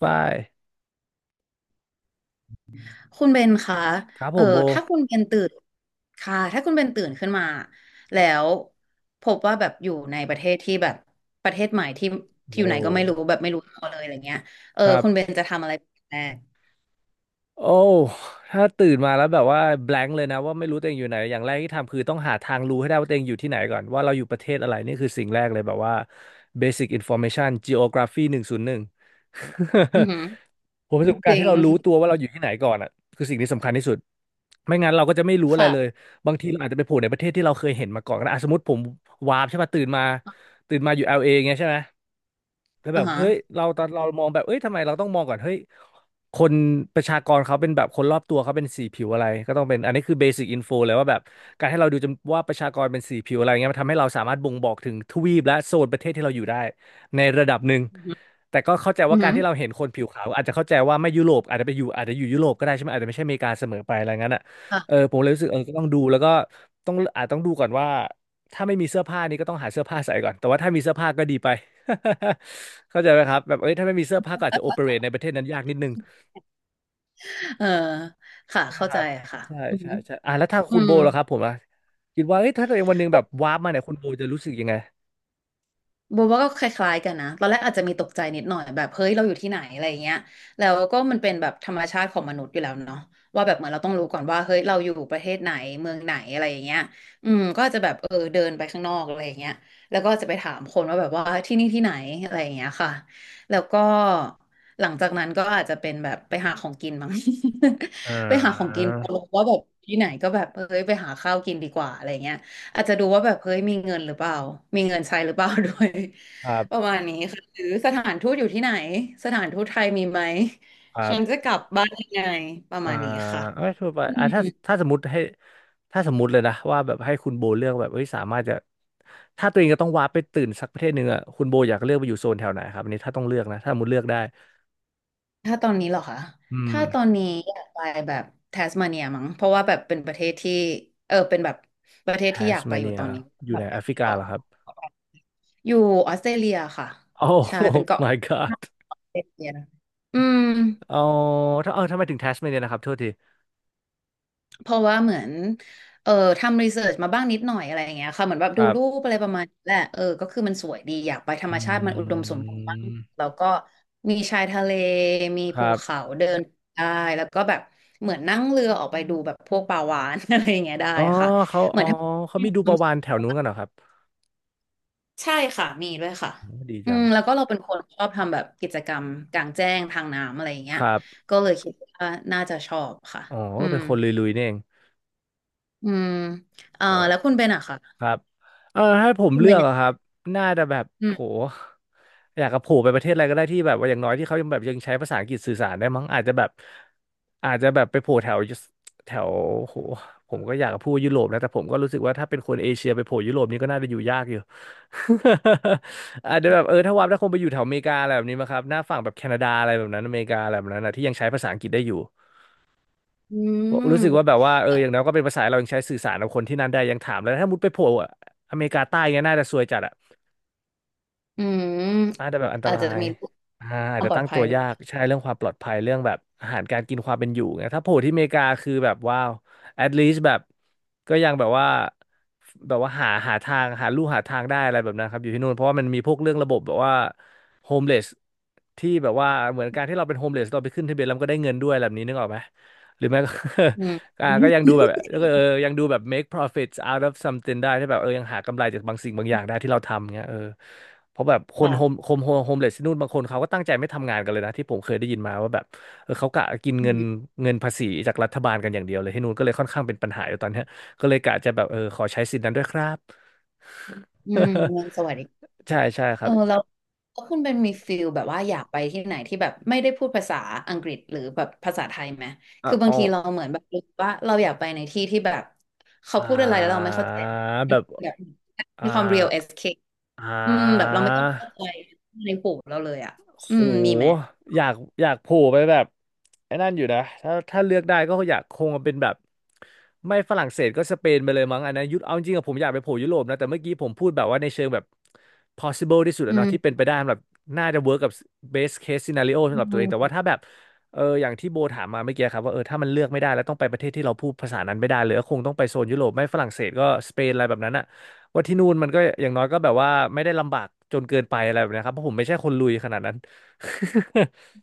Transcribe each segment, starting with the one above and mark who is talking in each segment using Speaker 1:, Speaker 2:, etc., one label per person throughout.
Speaker 1: ฝ้าย
Speaker 2: คุณเบนคะ
Speaker 1: ครับผ
Speaker 2: เออ
Speaker 1: มโบ
Speaker 2: ถ้าคุณเบนตื่นค่ะ ถ้าคุณเบนตื่นขึ้นมาแล้วพบว่าแบบอยู่ในประเทศที่แบบประเทศใหม่ที่อยู่
Speaker 1: โว้
Speaker 2: ไหน
Speaker 1: ว
Speaker 2: ก็ไม่รู้แบบไม่รู้ตัวเลยอะไรเงี้ยเอ
Speaker 1: ค
Speaker 2: อ
Speaker 1: รั
Speaker 2: คุณเบน
Speaker 1: บ
Speaker 2: จะทำอะไรเป็นแรก
Speaker 1: โอ้ถ้าตื่นมาแล้วแบบว่า blank เลยนะว่าไม่รู้ตัวเองอยู่ไหนอย่างแรกที่ทำคือต้องหาทางรู้ให้ได้ว่าตัวเองอยู่ที่ไหนก่อนว่าเราอยู่ประเทศอะไรนี่คือสิ่งแรกเลยแบบว่า basic information geography หนึ่งศูนย์หนึ่ง
Speaker 2: อือหือ
Speaker 1: ผมรู้สึกว่า
Speaker 2: จ
Speaker 1: การ
Speaker 2: ริ
Speaker 1: ที่
Speaker 2: ง
Speaker 1: เรารู้ตัวว่าเราอยู่ที่ไหนก่อนอ่ะคือสิ่งที่สำคัญที่สุดไม่งั้นเราก็จะไม่รู้อะไรเลย
Speaker 2: ค่ะ
Speaker 1: บางทีเราอาจจะไปโผล่ในประเทศที่เราเคยเห็นมาก่อนก็ได้อ่ะสมมติผมวาร์ปใช่ป่ะตื่นมาตื่นมาอยู่ LA เออย่างเงี้ยใช่ไหม แล้วแบ
Speaker 2: อ่า
Speaker 1: บ
Speaker 2: ฮะ
Speaker 1: เฮ้ยเราตอนเรามองแบบเอ้ยทำไมเราต้องมองก่อนเฮ้ย คนประชากรเขาเป็นแบบคนรอบตัวเขาเป็นสีผิวอะไรก็ต้องเป็นอันนี้คือเบสิ c อินโฟเลยว่าแบบการให้เราดูจำว่าประชากรเป็นสีผิวอะไรเงี้ยมันทำให้เราสามารถบ่งบอกถึงทวีปและโซนประเทศที่เราอยู่ได้ในระดับหนึ่ง
Speaker 2: อือหือ
Speaker 1: แต่ก็เข้าใจ
Speaker 2: อื
Speaker 1: ว่า
Speaker 2: อ
Speaker 1: กา
Speaker 2: หื
Speaker 1: ร
Speaker 2: อ
Speaker 1: ที่เราเห็นคนผิวขาวอาจจะเข้าใจว่าไม่ยุโรปอาจจะไปอยู่อาจจะอยู่ยุโรปก็ได้ใช่ไหมอาจจะไม่ใช่อเมริกาเสมอไปอะไรงั้นอ่ะเอ
Speaker 2: ค่ะ
Speaker 1: อผมเลยรู้สึกเออก็ต้องดูแล้วก็ต้องอาจต้องดูก่อนว่าถ้าไม่มีเสื้อผ้านี่ก็ต้องหาเสื้อผ้าใส่ก่อนแต่ว่าถ้ามีเสื้อผ้าก็ดีไป เข้าใจไหมครับแบบเอ้ยถ้าไม่มีเสื้อผ้าก็อาจจะโอเปเรตในประเทศนั้นยากนิดนึง
Speaker 2: เออค่ะ
Speaker 1: นะ
Speaker 2: เข้า
Speaker 1: ค
Speaker 2: ใจ
Speaker 1: รับ
Speaker 2: ค่ะ
Speaker 1: ใช่
Speaker 2: อือ
Speaker 1: ใช่
Speaker 2: หือ
Speaker 1: ใช่อ่ะแล้วทาง
Speaker 2: อื
Speaker 1: คุณโบ
Speaker 2: ม
Speaker 1: ล่ะครับผมอ่ะคิดว่าเอ้ยถ้าตัวเองวันหนึงแบบวาร์ปมาเนี่ยคุณโบจะรู้สึกยังไง
Speaker 2: โบว่าก็คล้ายๆกันนะ ตอนแรกอาจจะมีตกใจนิดหน่อยแบบเฮ้ยเราอยู่ที่ไหนอะไรอย่างเงี้ยแล้วก็มันเป็นแบบธรรมชาติของมนุษย์อยู่แล้วเนาะว่าแบบเหมือนเราต้องรู้ก่อนว่าเฮ้ยเราอยู่ประเทศไหนเมืองไหนอะไรอย่างเงี้ยอืมก็อาจจะแบบเออเดินไปข้างนอกอะไรอย่างเงี้ยแล้วก็จะไปถามคนว่าแบบว่าที่นี่ที่ไหนอะไรอย่างเงี้ยค่ะแล้วก็หลังจากนั้นก็อาจจะเป็นแบบไปหาของกินมั้ง
Speaker 1: อ่
Speaker 2: ไปหาของ
Speaker 1: า
Speaker 2: กินพอรู้ว่าแบบที่ไหนก็แบบเอ้ยไปหาข้าวกินดีกว่าอะไรเงี้ย อาจจะดูว่าแบบเฮ้ยมีเงินหรือเปล่ามีเงินใช้หรือเปล่า ด้วย
Speaker 1: ครั
Speaker 2: ประ
Speaker 1: บ
Speaker 2: มาณนี้ค่ะหรือสถานทูตอยู่ที่ไหนสถานทูตไทยมีไหม
Speaker 1: ครั
Speaker 2: ฉัน
Speaker 1: บ
Speaker 2: จะกลับบ้านยังไงประ
Speaker 1: อ่า
Speaker 2: มาณนี้ค่ะ
Speaker 1: เอ้ยทั่วไป
Speaker 2: อื
Speaker 1: อ่าถ้า
Speaker 2: ม
Speaker 1: ถ้าสมมติให้ถ้าสมมติเลยนะว่าแบบให้คุณโบเลือกแบบเฮ้ยสามารถจะถ้าตัวเองจะต้องวาร์ปไปตื่นสักประเทศหนึ่งอ่ะคุณโบอยากเลือกไปอยู่โซนแถวไหนครับอันนี้ถ้าต้องเลือกนะถ้าสมมติเลือกได้
Speaker 2: ถ้าตอนนี้เหรอคะ
Speaker 1: อืม
Speaker 2: ถ้าตอนนี้อยากไปแบบแทสมาเนียมั้งเพราะว่าแบบเป็นประเทศที่เออเป็นแบบประเท
Speaker 1: แท
Speaker 2: ศที่อ
Speaker 1: ส
Speaker 2: ยากไป
Speaker 1: เม
Speaker 2: อ
Speaker 1: เนี
Speaker 2: ยู่
Speaker 1: ย
Speaker 2: ตอนนี้
Speaker 1: อยู่
Speaker 2: แบ
Speaker 1: ใน
Speaker 2: บ
Speaker 1: แอฟริกา
Speaker 2: เกาะ
Speaker 1: เหรอครับ
Speaker 2: อยู่ออสเตรเลียค่ะ
Speaker 1: โอ้
Speaker 2: ใช่เป็น เกาะ
Speaker 1: my god
Speaker 2: ออสเตรเลียอืม
Speaker 1: อ๋อถ้าทำไมถึงแทสเมเนียนะครับโทษที
Speaker 2: เพราะว่าเหมือนเออทำรีเสิร์ชมาบ้างนิดหน่อยอะไรอย่างเงี้ยค่ะเหมือนแบบ
Speaker 1: ค
Speaker 2: ดู
Speaker 1: รั
Speaker 2: รู
Speaker 1: บ
Speaker 2: ปอะไรประมาณนี้แหละเออก็คือมันสวยดีอยากไปธรรม
Speaker 1: อื
Speaker 2: ชาติมันอุดมสมบูรณ์มาก
Speaker 1: ม
Speaker 2: แล้วก็มีชายทะเลมี
Speaker 1: ค
Speaker 2: ภู
Speaker 1: รั
Speaker 2: เขา
Speaker 1: บ
Speaker 2: เดินได้แล้วก็แบบเหมือนนั่งเรือออกไปดูแบบพวกปลาวาฬ อะไรอย่างเงี้ยได้
Speaker 1: อ๋อ
Speaker 2: ค่ะ
Speaker 1: เขา
Speaker 2: เหมื
Speaker 1: อ๋
Speaker 2: อ
Speaker 1: อ
Speaker 2: นถ้า
Speaker 1: เขามีดูประวานแถวนู้นกันเหรอครับ
Speaker 2: ใช่ค่ะมีด้วยค่ะ
Speaker 1: โอ้ดี
Speaker 2: อื
Speaker 1: จั
Speaker 2: ม
Speaker 1: ง
Speaker 2: แล้วก็เราเป็นคนชอบทำแบบกิจกรรมกลางแจ้งทางน้ำอะไรอย่างเงี้
Speaker 1: ค
Speaker 2: ย
Speaker 1: รับ
Speaker 2: ก็เลยคิดว่าน่าจะชอบค่ะ
Speaker 1: อ๋อ
Speaker 2: อื
Speaker 1: เป็
Speaker 2: ม
Speaker 1: นคนลุยๆนี่เอง
Speaker 2: อืมเอ่อ
Speaker 1: เออ
Speaker 2: แล้วคุณเป็นอะค่ะ
Speaker 1: ครับเออให้ผม
Speaker 2: คุณ
Speaker 1: เลื
Speaker 2: เป็
Speaker 1: อ
Speaker 2: น
Speaker 1: ก
Speaker 2: เนี่ย
Speaker 1: อะครับน่าจะแบบ
Speaker 2: อืม
Speaker 1: โหอยากกับโผล่ไปประเทศอะไรก็ได้ที่แบบว่าอย่างน้อยที่เขายังแบบยังใช้ภาษาอังกฤษสื่อสารได้มั้งอาจจะแบบอาจจะแบบไปโผล่แถวแถวโหผมก็อยากจะพูดยุโรปนะแต่ผมก็รู้สึกว่าถ้าเป็นคนเอเชียไปโผล่ยุโรปนี่ก็น่าจะอยู่ยากอยู่ อาจจะแบบถ้าวับถ้าคงไปอยู่แถวอเมริกาอะไรแบบนี้มั้งครับหน้าฝั่งแบบแคนาดาอะไรแบบนั้นอเมริกาอะไรแบบนั้นนะที่ยังใช้ภาษาอังกฤษได้อยู่
Speaker 2: อื
Speaker 1: รู้สึกว่าแบบ
Speaker 2: ม
Speaker 1: ว่าเอออย่างน้อยก็เป็นภาษาเรายังใช้สื่อสารกับคนที่นั่นได้ยังถามเลยถ้ามุดไปโผล่อะอเมริกาใต้เงี้ยน่าจะซวยจัดอ่ะ
Speaker 2: อืม
Speaker 1: น่าจะแบบอันต
Speaker 2: อาจ
Speaker 1: รา
Speaker 2: จะ
Speaker 1: ย
Speaker 2: มีค
Speaker 1: อ่าอาจ
Speaker 2: วาม
Speaker 1: จะ
Speaker 2: ปลอ
Speaker 1: ตั้
Speaker 2: ด
Speaker 1: ง
Speaker 2: ภั
Speaker 1: ตั
Speaker 2: ย
Speaker 1: ว
Speaker 2: ด้ว
Speaker 1: ยา
Speaker 2: ย
Speaker 1: กใช่เรื่องความปลอดภัยเรื่องแบบอาหารการกินความเป็นอยู่ไงถ้าโผล่ที่อเมริกาคือแบบว้าว at least แบบก็ยังแบบว่าแบบว่าหาหาทางหาลู่หาทางได้อะไรแบบนั้นครับอยู่ที่นู่นเพราะว่ามันมีพวกเรื่องระบบแบบว่าโฮมเลสที่แบบว่าเหมือนการที่เราเป็นโฮมเลสเราไปขึ้นทะเบียนแล้วมันก็ได้เงินด้วยแบบนี้นึกออกไหมหรือไม่ก็
Speaker 2: อืม
Speaker 1: อ่าก็ยังดูแบบแล้วก็เออยังดูแบบ make profits out of something ได้ที่แบบเออยังหากำไรจากบางสิ่งบางอย่างได้ที่เราทำเงี้ยเออเพราะแบบคน
Speaker 2: ค่ะ
Speaker 1: โฮมเลสที่นู่นบางคนเขาก็ตั้งใจไม่ทำงานกันเลยนะที่ผมเคยได้ยินมาว่าแบบเออเขากะกิน
Speaker 2: อื
Speaker 1: เงิน
Speaker 2: ม
Speaker 1: เงินภาษีจากรัฐบาลกันอย่างเดียวเลยที่นู่นก็เลยค่อนข้างเป็นปัญหาอยู่ตอนเนี้ยก็เลยกะจะแบบเออขอใช้สิทธิ์นั้นด้วยครับ
Speaker 2: อืมเงินสวัสดิการ
Speaker 1: ใช่ใช่ค
Speaker 2: เอ
Speaker 1: รั
Speaker 2: อ
Speaker 1: บ
Speaker 2: แล้วคุณเป็นมีฟิลแบบว่าอยากไปที่ไหนที่แบบไม่ได้พูดภาษาอังกฤษหรือแบบภาษาไทยไหม
Speaker 1: อ่ะ
Speaker 2: คือบา
Speaker 1: อ๋
Speaker 2: ง
Speaker 1: อ
Speaker 2: ทีเราเหมือนแบบรู้สึกว่าเราอยากไปในที่ที่แบบเขา
Speaker 1: อ่
Speaker 2: พูดอะไรแล้วเราไม่
Speaker 1: า
Speaker 2: เข้าใจมั
Speaker 1: แบ
Speaker 2: น
Speaker 1: บ
Speaker 2: คือแบบ
Speaker 1: อ่า
Speaker 2: มีความ real escape
Speaker 1: อ่
Speaker 2: อืมแบบ
Speaker 1: า
Speaker 2: เราไม่ต้องเข้าใจในหูเราเลยอ่ะอื
Speaker 1: โห
Speaker 2: มมีไหม
Speaker 1: อยากโผล่ไปแบบไอ้นั่นอยู่นะถ้าเลือกได้ก็อยากคงเป็นแบบไม่ฝรั่งเศสก็สเปนไปเลยมั้งอันนั้นยุโรเอาจริงๆอะผมอยากไปโผล่ยุโรปนะแต่เมื่อกี้ผมพูดแบบว่าในเชิงแบบ possible ที่สุด
Speaker 2: อื
Speaker 1: อะเนาะที่เป็น
Speaker 2: ม
Speaker 1: ไปได้แบบน่าจะ work กับ best case scenario
Speaker 2: อื
Speaker 1: สำหรับตัวเองแต่
Speaker 2: ม
Speaker 1: ว่าถ้าแบบอย่างที่โบถามมาเมื่อกี้ครับว่าเออถ้ามันเลือกไม่ได้แล้วต้องไปประเทศที่เราพูดภาษานั้นไม่ได้เลยก็คงต้องไปโซนยุโรปไม่ฝรั่งเศสก็สเปนอะไรแบบนั้นอะว่าที่นู่นมันก็อย่างน้อยก็แบบว่าไม่ได้ลำบากจนเกินไปอะไรแบบนี้ครับเพราะผมไม่ใช่คนลุยขนาดนั้น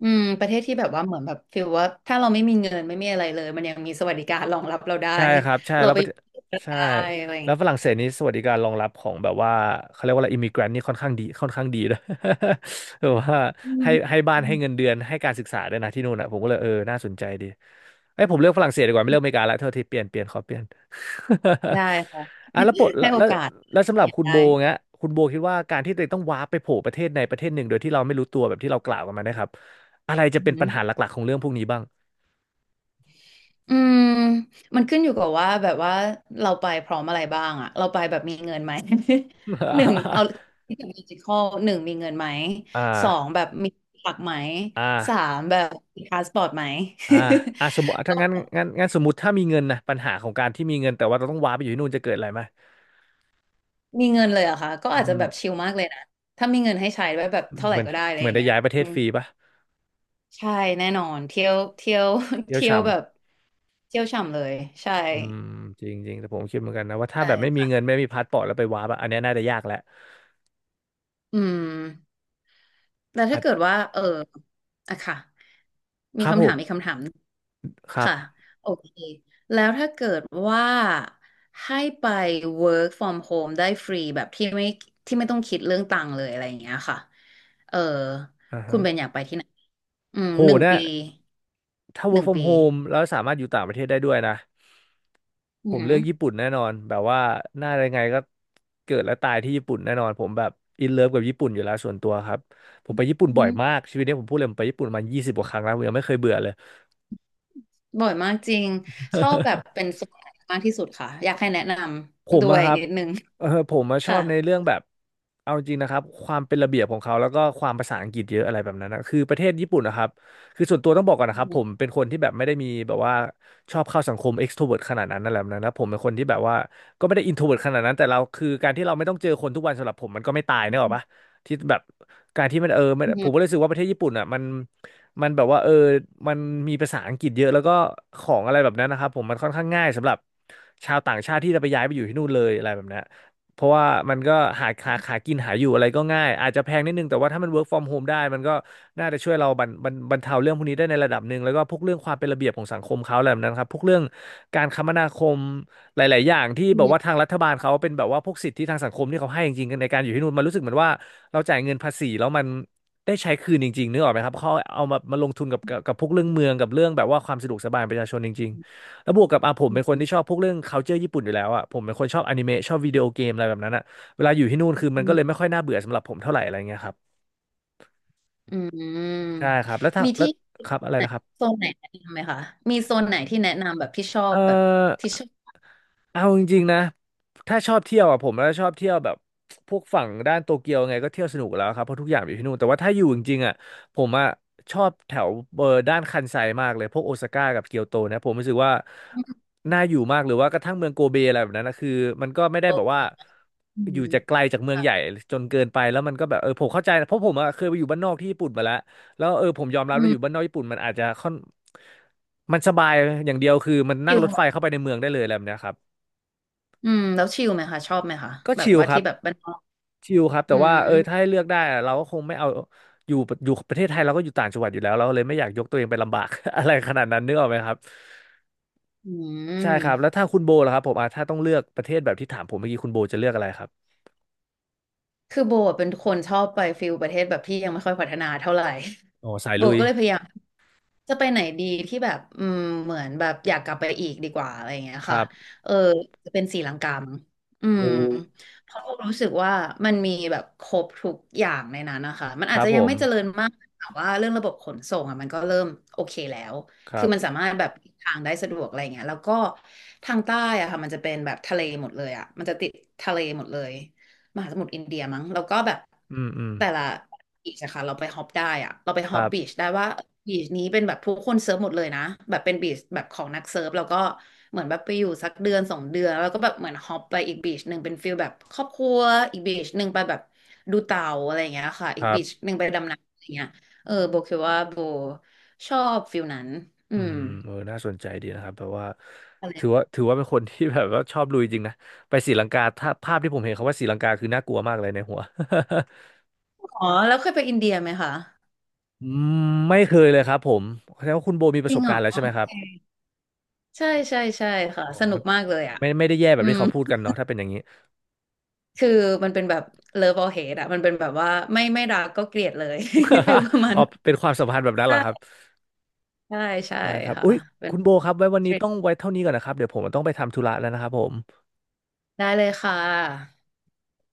Speaker 2: อืมประเทศที่แบบว่าเหมือนแบบฟีลว่าถ้าเราไม่มีเงินไม่มีอะไรเลยมันยังมีสวัสดิการรองรับเราได้
Speaker 1: ใช่ครับใช่
Speaker 2: เรา
Speaker 1: แล้ว
Speaker 2: ไป
Speaker 1: ประ
Speaker 2: อ
Speaker 1: เทศ
Speaker 2: ยู่
Speaker 1: ใช่
Speaker 2: ได้อะไรอย่าง
Speaker 1: แล้ว
Speaker 2: เงี้
Speaker 1: ฝรั่
Speaker 2: ย
Speaker 1: งเศสนี้สวัสดิการรองรับของแบบว่าเขาเรียกว่าอะไรอิมิเกรนนี่ค่อนข้างดีด้วย แบบว่า
Speaker 2: อืม
Speaker 1: ให้บ้าน
Speaker 2: อื
Speaker 1: ให้
Speaker 2: ม
Speaker 1: เงินเดือนให้การศึกษาด้วยนะที่นู่นอ่ะผมก็เลยเออน่าสนใจดีเอ้ยผมเลือกฝรั่งเศสดีกว่าไม่เลือกอเมริกาละเท่าที่เปลี่ยนขอเปลี่ยน
Speaker 2: ได้ค่ะ
Speaker 1: อ่ะแล้วปะ
Speaker 2: ให้โอกาส
Speaker 1: แล้วสำหรับ
Speaker 2: เนี่ย
Speaker 1: คุณ
Speaker 2: ได้
Speaker 1: โบเงี้ยคุณโบคิดว่าการที่ตัวเองต้องว้าร์ปไปโผล่ประเทศในประเทศหนึ่งโดยที่เราไม่รู้ตัวแบบที่เรากล่าวกันมานะครับอะไรจะ
Speaker 2: อื
Speaker 1: เป็นปัญ
Speaker 2: ม
Speaker 1: หาหลักๆของเรื่องพวกนี้บ้าง
Speaker 2: อืมมันขึ้นอยู่กับว่าแบบว่าเราไปพร้อมอะไรบ้างอะเราไปแบบมีเงินไหม หนึ่งเอา ที่แบบดิจิทัลหนึ่งมีเงินไหม
Speaker 1: อ่
Speaker 2: สอง
Speaker 1: า
Speaker 2: แบบมีหลักไหม
Speaker 1: อ่
Speaker 2: สา
Speaker 1: า
Speaker 2: มแบบมีพาสปอร์ตไหม
Speaker 1: อ่าสมมติถ้างั้น งั้นสมมติถ้ามีเงินนะปัญหาของการที่มีเงินแต่ว่าเราต้องว้าไปอยู่ที่นู่นจะเกิดอะไรไหม
Speaker 2: มีเงินเลยเหรอะค่ะ ก็
Speaker 1: อื
Speaker 2: อาจจะ
Speaker 1: ม
Speaker 2: แบบชิลมากเลยนะ ถ้ามีเงินให้ใช้ไว้แบบเท่าไห
Speaker 1: เห
Speaker 2: ร่
Speaker 1: มือน
Speaker 2: ก็ได้อะไร
Speaker 1: เห
Speaker 2: อ
Speaker 1: มือน
Speaker 2: ย่าง
Speaker 1: ได้
Speaker 2: เงี้ย
Speaker 1: ย้ายประเทศ
Speaker 2: อืม
Speaker 1: ฟรีปะ
Speaker 2: ใช่แน่นอนเที่ยวเที่ยว
Speaker 1: เที่ยว
Speaker 2: เที่ยวแบบ
Speaker 1: ช่ำ
Speaker 2: เที่ยวฉ่ำเลยใช่
Speaker 1: อืมจริงจริงแต่ผมคิดเหมือนกันนะว่าถ้าแบบไม่มี
Speaker 2: ใช่
Speaker 1: เงินไม่มีพาสปอร์ตแล้วไปว้าปะอันเนี้ยน่าจะยากแหละ
Speaker 2: อืมแล้ว
Speaker 1: อา
Speaker 2: ถ้า
Speaker 1: จ
Speaker 2: เกิดว่าเอออะค่ะ
Speaker 1: ครับผมครั
Speaker 2: ค่ะ
Speaker 1: บ
Speaker 2: โอเคแล้วถ้าเกิดว่าให้ไป work from home ได้ฟรีแบบที่ไม่ที่ไม่ต้องคิดเรื่องตังค์เลยอะไรอย่างเงี้ยค่ะเออ
Speaker 1: อ่าฮะ
Speaker 2: อืม
Speaker 1: โห
Speaker 2: หนึ่ง
Speaker 1: นะ
Speaker 2: ปี
Speaker 1: ถ้า
Speaker 2: ห
Speaker 1: work
Speaker 2: นึ่ง
Speaker 1: from
Speaker 2: ปี
Speaker 1: home แล้วสามารถอยู่ต่างประเทศได้ด้วยนะ
Speaker 2: อื
Speaker 1: ผ
Speaker 2: อ
Speaker 1: ม
Speaker 2: หื
Speaker 1: เลือกญี่ปุ่นแน่นอนแบบว่าหน้ายังไงก็เกิดและตายที่ญี่ปุ่นแน่นอนผมแบบอินเลิฟกับญี่ปุ่นอยู่แล้วส่วนตัวครับผมไปญี่ปุ่นบ่อยมา
Speaker 2: อ
Speaker 1: กชีวิตนี้ผมพูดเลยผมไปญี่ปุ่นมา20 กว่าครั้งแล้วผมยังไม่เคยเบื่อเลย
Speaker 2: บ่อยมากจริงชอบแบบ เป็นส่วนไหนมากที่สุดค่ะอยากให้แนะน
Speaker 1: ผ
Speaker 2: ำ
Speaker 1: ม
Speaker 2: ด้ว
Speaker 1: อะ
Speaker 2: ย
Speaker 1: ครับ
Speaker 2: นิดนึง
Speaker 1: ผมมาชอ
Speaker 2: ค่ะ
Speaker 1: บในเรื่องแบบเอาจริงนะครับความเป็นระเบียบของเขาแล้วก็ความภาษาอังกฤษเยอะอะไรแบบนั้นนะคือประเทศญี่ปุ่นนะครับคือส่วนตัวต้องบอกก่อน
Speaker 2: อื
Speaker 1: นะครับผ
Speaker 2: ม
Speaker 1: มเป็นคนที่แบบไม่ได้มีแบบว่าชอบเข้าสังคม extrovert ขนาดนั้นอะไรแบบนั้นนะผมเป็นคนที่แบบว่าก็ไม่ได้ introvert ขนาดนั้นแต่เราคือการที่เราไม่ต้องเจอคนทุกวันสำหรับผมมันก็ไม่ตายเนกอะปะที่แบบการที่มันผมก็เลย
Speaker 2: อ
Speaker 1: รู้สึกว่าประเทศญี่ปุ่นอะมันแบบว่าเออมันมีภาษาอังกฤษเยอะแล้วก็ของอะไรแบบนั้นนะครับผมมันค่อนข้างง่ายสำหรับชาวต่างชาติที่จะไปย้ายไปอยู่ที่นู่นเลยอะไรแบบนี้นเพราะว่ามันก็หากินหาอยู่อะไรก็ง่ายอาจจะแพงนิดนึงแต่ว่าถ้ามัน work from home ได้มันก็น่าจะช่วยเราบรรเทาเรื่องพวกนี้ได้ในระดับหนึ่งแล้วก็พวกเรื่องความเป็นระเบียบของสังคมเขาอะไรแบบนั้นครับพวกเรื่องการคมนาคมหลายๆอย่างที่
Speaker 2: ื
Speaker 1: แบบว่า
Speaker 2: ม
Speaker 1: ทางรัฐบาลเขาเป็นแบบว่าพวกสิทธิทางสังคมที่เขาให้จริงๆกันในการอยู่ที่นู่นมันรู้สึกเหมือนว่าเราจ่ายเงินภาษีแล้วมัน ได้ใช้คืนจริงๆนึกออกไหมครับเขาเอามามาลงทุนกับพวกเรื่องเมืองกับเรื่องแบบว่าความสะดวกสบายประชาชนจริงๆแล้วบวกกับอ่ะผม
Speaker 2: อื
Speaker 1: เป็นคน
Speaker 2: ม
Speaker 1: ที่ชอบพวกเรื่อง culture ญี่ปุ่นอยู่แล้วอ่ะผมเป็นคนชอบอนิเมะชอบวิดีโอเกมอะไรแบบนั้นอ่ะเวลาอยู่ที่นู่นคือมั
Speaker 2: อื
Speaker 1: นก็เลยไม่
Speaker 2: ม
Speaker 1: ค่อยน่าเบื่อสำหรับผมเท่าไหร่อะไรเงี้ยครับ
Speaker 2: อืมอืม
Speaker 1: ใช่ครับ
Speaker 2: มี
Speaker 1: แล้ว
Speaker 2: ที่
Speaker 1: ครับอะไร
Speaker 2: ไหน
Speaker 1: นะครับ
Speaker 2: โซนไหนแนะนำไหมคะมีโซนไหนที่แนะนำแบบที่ชอ
Speaker 1: เอ
Speaker 2: บ
Speaker 1: อ
Speaker 2: แบบที่ชอ
Speaker 1: เอาจริงๆนะถ้าชอบเที่ยวอ่ะผมแล้วชอบเที่ยวแบบพวกฝั่งด้านโตเกียวไงก็เที่ยวสนุกแล้วครับเพราะทุกอย่างอยู่ที่นู่นแต่ว่าถ้าอยู่จริงๆอ่ะผมอ่ะชอบแถวเบอร์ด้านคันไซมากเลยพวกโอซาก้ากับเกียวโตนะผมรู้สึกว่าน่าอยู่มากหรือว่ากระทั่งเมืองโกเบอะไรแบบนั้นนะคือมันก็ไม่ได้แบ
Speaker 2: บ
Speaker 1: บว่า
Speaker 2: อื
Speaker 1: อยู่จากไกล
Speaker 2: ม
Speaker 1: จากเมืองใหญ่จนเกินไปแล้วมันก็แบบเออผมเข้าใจนะเพราะผมอ่ะเคยไปอยู่บ้านนอกที่ญี่ปุ่นมาแล้ว แล้วเออผมยอมรับ
Speaker 2: อื
Speaker 1: ว่าอยู่บ้าน
Speaker 2: ม
Speaker 1: นอกญี่ปุ่นมันอาจจะค่อนมันสบายอย่างเดียวคือมัน
Speaker 2: ชิ
Speaker 1: นั่ง
Speaker 2: ล
Speaker 1: รถ
Speaker 2: ไหม
Speaker 1: ไฟเข้าไปในเมืองได้เลยอะไรแบบเนี้ยครับ
Speaker 2: อืมแล้วชิลไหมคะชอบไหมคะ
Speaker 1: ก็
Speaker 2: แบบ
Speaker 1: ชิล
Speaker 2: ว่า
Speaker 1: ครั
Speaker 2: ที่
Speaker 1: บ
Speaker 2: แบบบ้านนอก
Speaker 1: ชิลครับ
Speaker 2: อื
Speaker 1: แต่ว่า
Speaker 2: ม
Speaker 1: เออถ้าให้เลือกได้อะเราก็คงไม่เอาอยู่อยู่ประเทศไทยเราก็อยู่ต่างจังหวัดอยู่แล้วเราก็เลยไม่อยากยกตัวเองไปลำบาก อะไรขนาดนั้นนึกออกไหมครับ
Speaker 2: อื
Speaker 1: ใช่ครับแล้ว
Speaker 2: ม
Speaker 1: ถ้าคุณโบล่ะครับผมอ่ะถ้าต้องเลือกประเทศแบบที่ถามผมเมื่อกี้คุณโบจะเลือกอะไรครับ
Speaker 2: คือโบอะเป็นคนชอบไปฟิลประเทศแบบที่ยังไม่ค่อยพัฒนาเท่าไหร่
Speaker 1: อ๋อสาย
Speaker 2: โบ
Speaker 1: ลุย
Speaker 2: ก็เลยพยายามจะไปไหนดีที่แบบอืมเหมือนแบบอยากกลับไปอีกดีกว่าอะไรอย่างเงี้ย
Speaker 1: ค
Speaker 2: ค่ะ
Speaker 1: รับ
Speaker 2: เออจะเป็นศรีลังกามั้งอื
Speaker 1: โอ้
Speaker 2: มเพราะโบรู้สึกว่ามันมีแบบครบทุกอย่างในนั้นนะคะมัน
Speaker 1: ค
Speaker 2: อาจ
Speaker 1: รับ
Speaker 2: จะ
Speaker 1: ผ
Speaker 2: ยัง
Speaker 1: ม
Speaker 2: ไม่เจริญมากแต่ว่าเรื่องระบบขนส่งอ่ะมันก็เริ่มโอเคแล้ว
Speaker 1: ครั
Speaker 2: คือมันสา
Speaker 1: บ
Speaker 2: มารถแบบเดินทางได้สะดวกอะไรอย่างเงี้ยแล้วก็ทางใต้อะค่ะมันจะเป็นแบบทะเลหมดเลยอะมันจะติดทะเลหมดเลย มหาสมุทรอินเดียมั้งแล้วก็แบบ
Speaker 1: อืมอืม
Speaker 2: แต่ละบีชอะค่ะเราไปฮอปได้อะเราไป
Speaker 1: ค
Speaker 2: ฮอ
Speaker 1: รั
Speaker 2: ปบีช
Speaker 1: บ
Speaker 2: ได้ว่าบีชนี้เป็นแบบผู้คนเซิร์ฟหมดเลยนะแบบเป็นบีชแบบของนักเซิร์ฟแล้วก็เหมือนแบบไปอยู่สักเดือนสองเดือนแล้วก็แบบเหมือนฮอปไปอีกบีชหนึ่งเป็นฟิลแบบครอบครัวอีกบีชหนึ่งไปแบบดูเต่าอะไรอย่างเงี้ยค่ะ
Speaker 1: ค
Speaker 2: อีก
Speaker 1: รั
Speaker 2: บีช
Speaker 1: บ
Speaker 2: หนึ่งไปดำน้ำอะไรเงี้ยเออโบคิดว่าโบชอบฟิลนั้นอื
Speaker 1: อื
Speaker 2: ม
Speaker 1: มเออน่าสนใจดีนะครับแบบว่า
Speaker 2: อะไร
Speaker 1: ถือว่าเป็นคนที่ แบบว่าชอบลุยจริงนะไปศรีลังกาถ้าภาพที่ผมเห็นเขาว่าศรีลังกาคือน่ากลัวมากเลยในหัว
Speaker 2: อ๋อแล้วเคยไปอินเดียไหมคะ
Speaker 1: อืมไม่เคยเลยครับผมแสดงว่าคุณโบมีป
Speaker 2: จ
Speaker 1: ระ
Speaker 2: ริ
Speaker 1: ส
Speaker 2: ง
Speaker 1: บ
Speaker 2: เหร
Speaker 1: การ
Speaker 2: อ
Speaker 1: ณ์แล้ว
Speaker 2: โอ
Speaker 1: ใช่ไหมครั
Speaker 2: เค
Speaker 1: บ
Speaker 2: ใช่ใช่ใช่ค่ะ
Speaker 1: ผ
Speaker 2: ส
Speaker 1: ม
Speaker 2: นุ
Speaker 1: มั
Speaker 2: ก
Speaker 1: นก็
Speaker 2: มากเลยอ่ะ
Speaker 1: ไม่ได้แย่แบ
Speaker 2: อื
Speaker 1: บที่
Speaker 2: ม
Speaker 1: เขาพูดกันเนาะถ้าเป็นอย่างนี้
Speaker 2: คือมันเป็นแบบ love or hate อะมันเป็นแบบว่าไม่ไม่รักก็เกลียดเลย ฟิลประมา ณ
Speaker 1: อ๋อ
Speaker 2: นั้น
Speaker 1: เป็นความสัมพันธ์แบบนั้นเหร
Speaker 2: ใช่
Speaker 1: อครับ
Speaker 2: ใช่ใช่
Speaker 1: ได้ครับ
Speaker 2: ค่ะ
Speaker 1: อุ้ย
Speaker 2: เป็
Speaker 1: คุ
Speaker 2: น
Speaker 1: ณโบครับไว้วันนี้ต้องไว้เท่านี้ก่อนนะครับเดี๋ยวผมต้องไปทำธุระแล้วนะครับผม
Speaker 2: ได้เลยค่ะ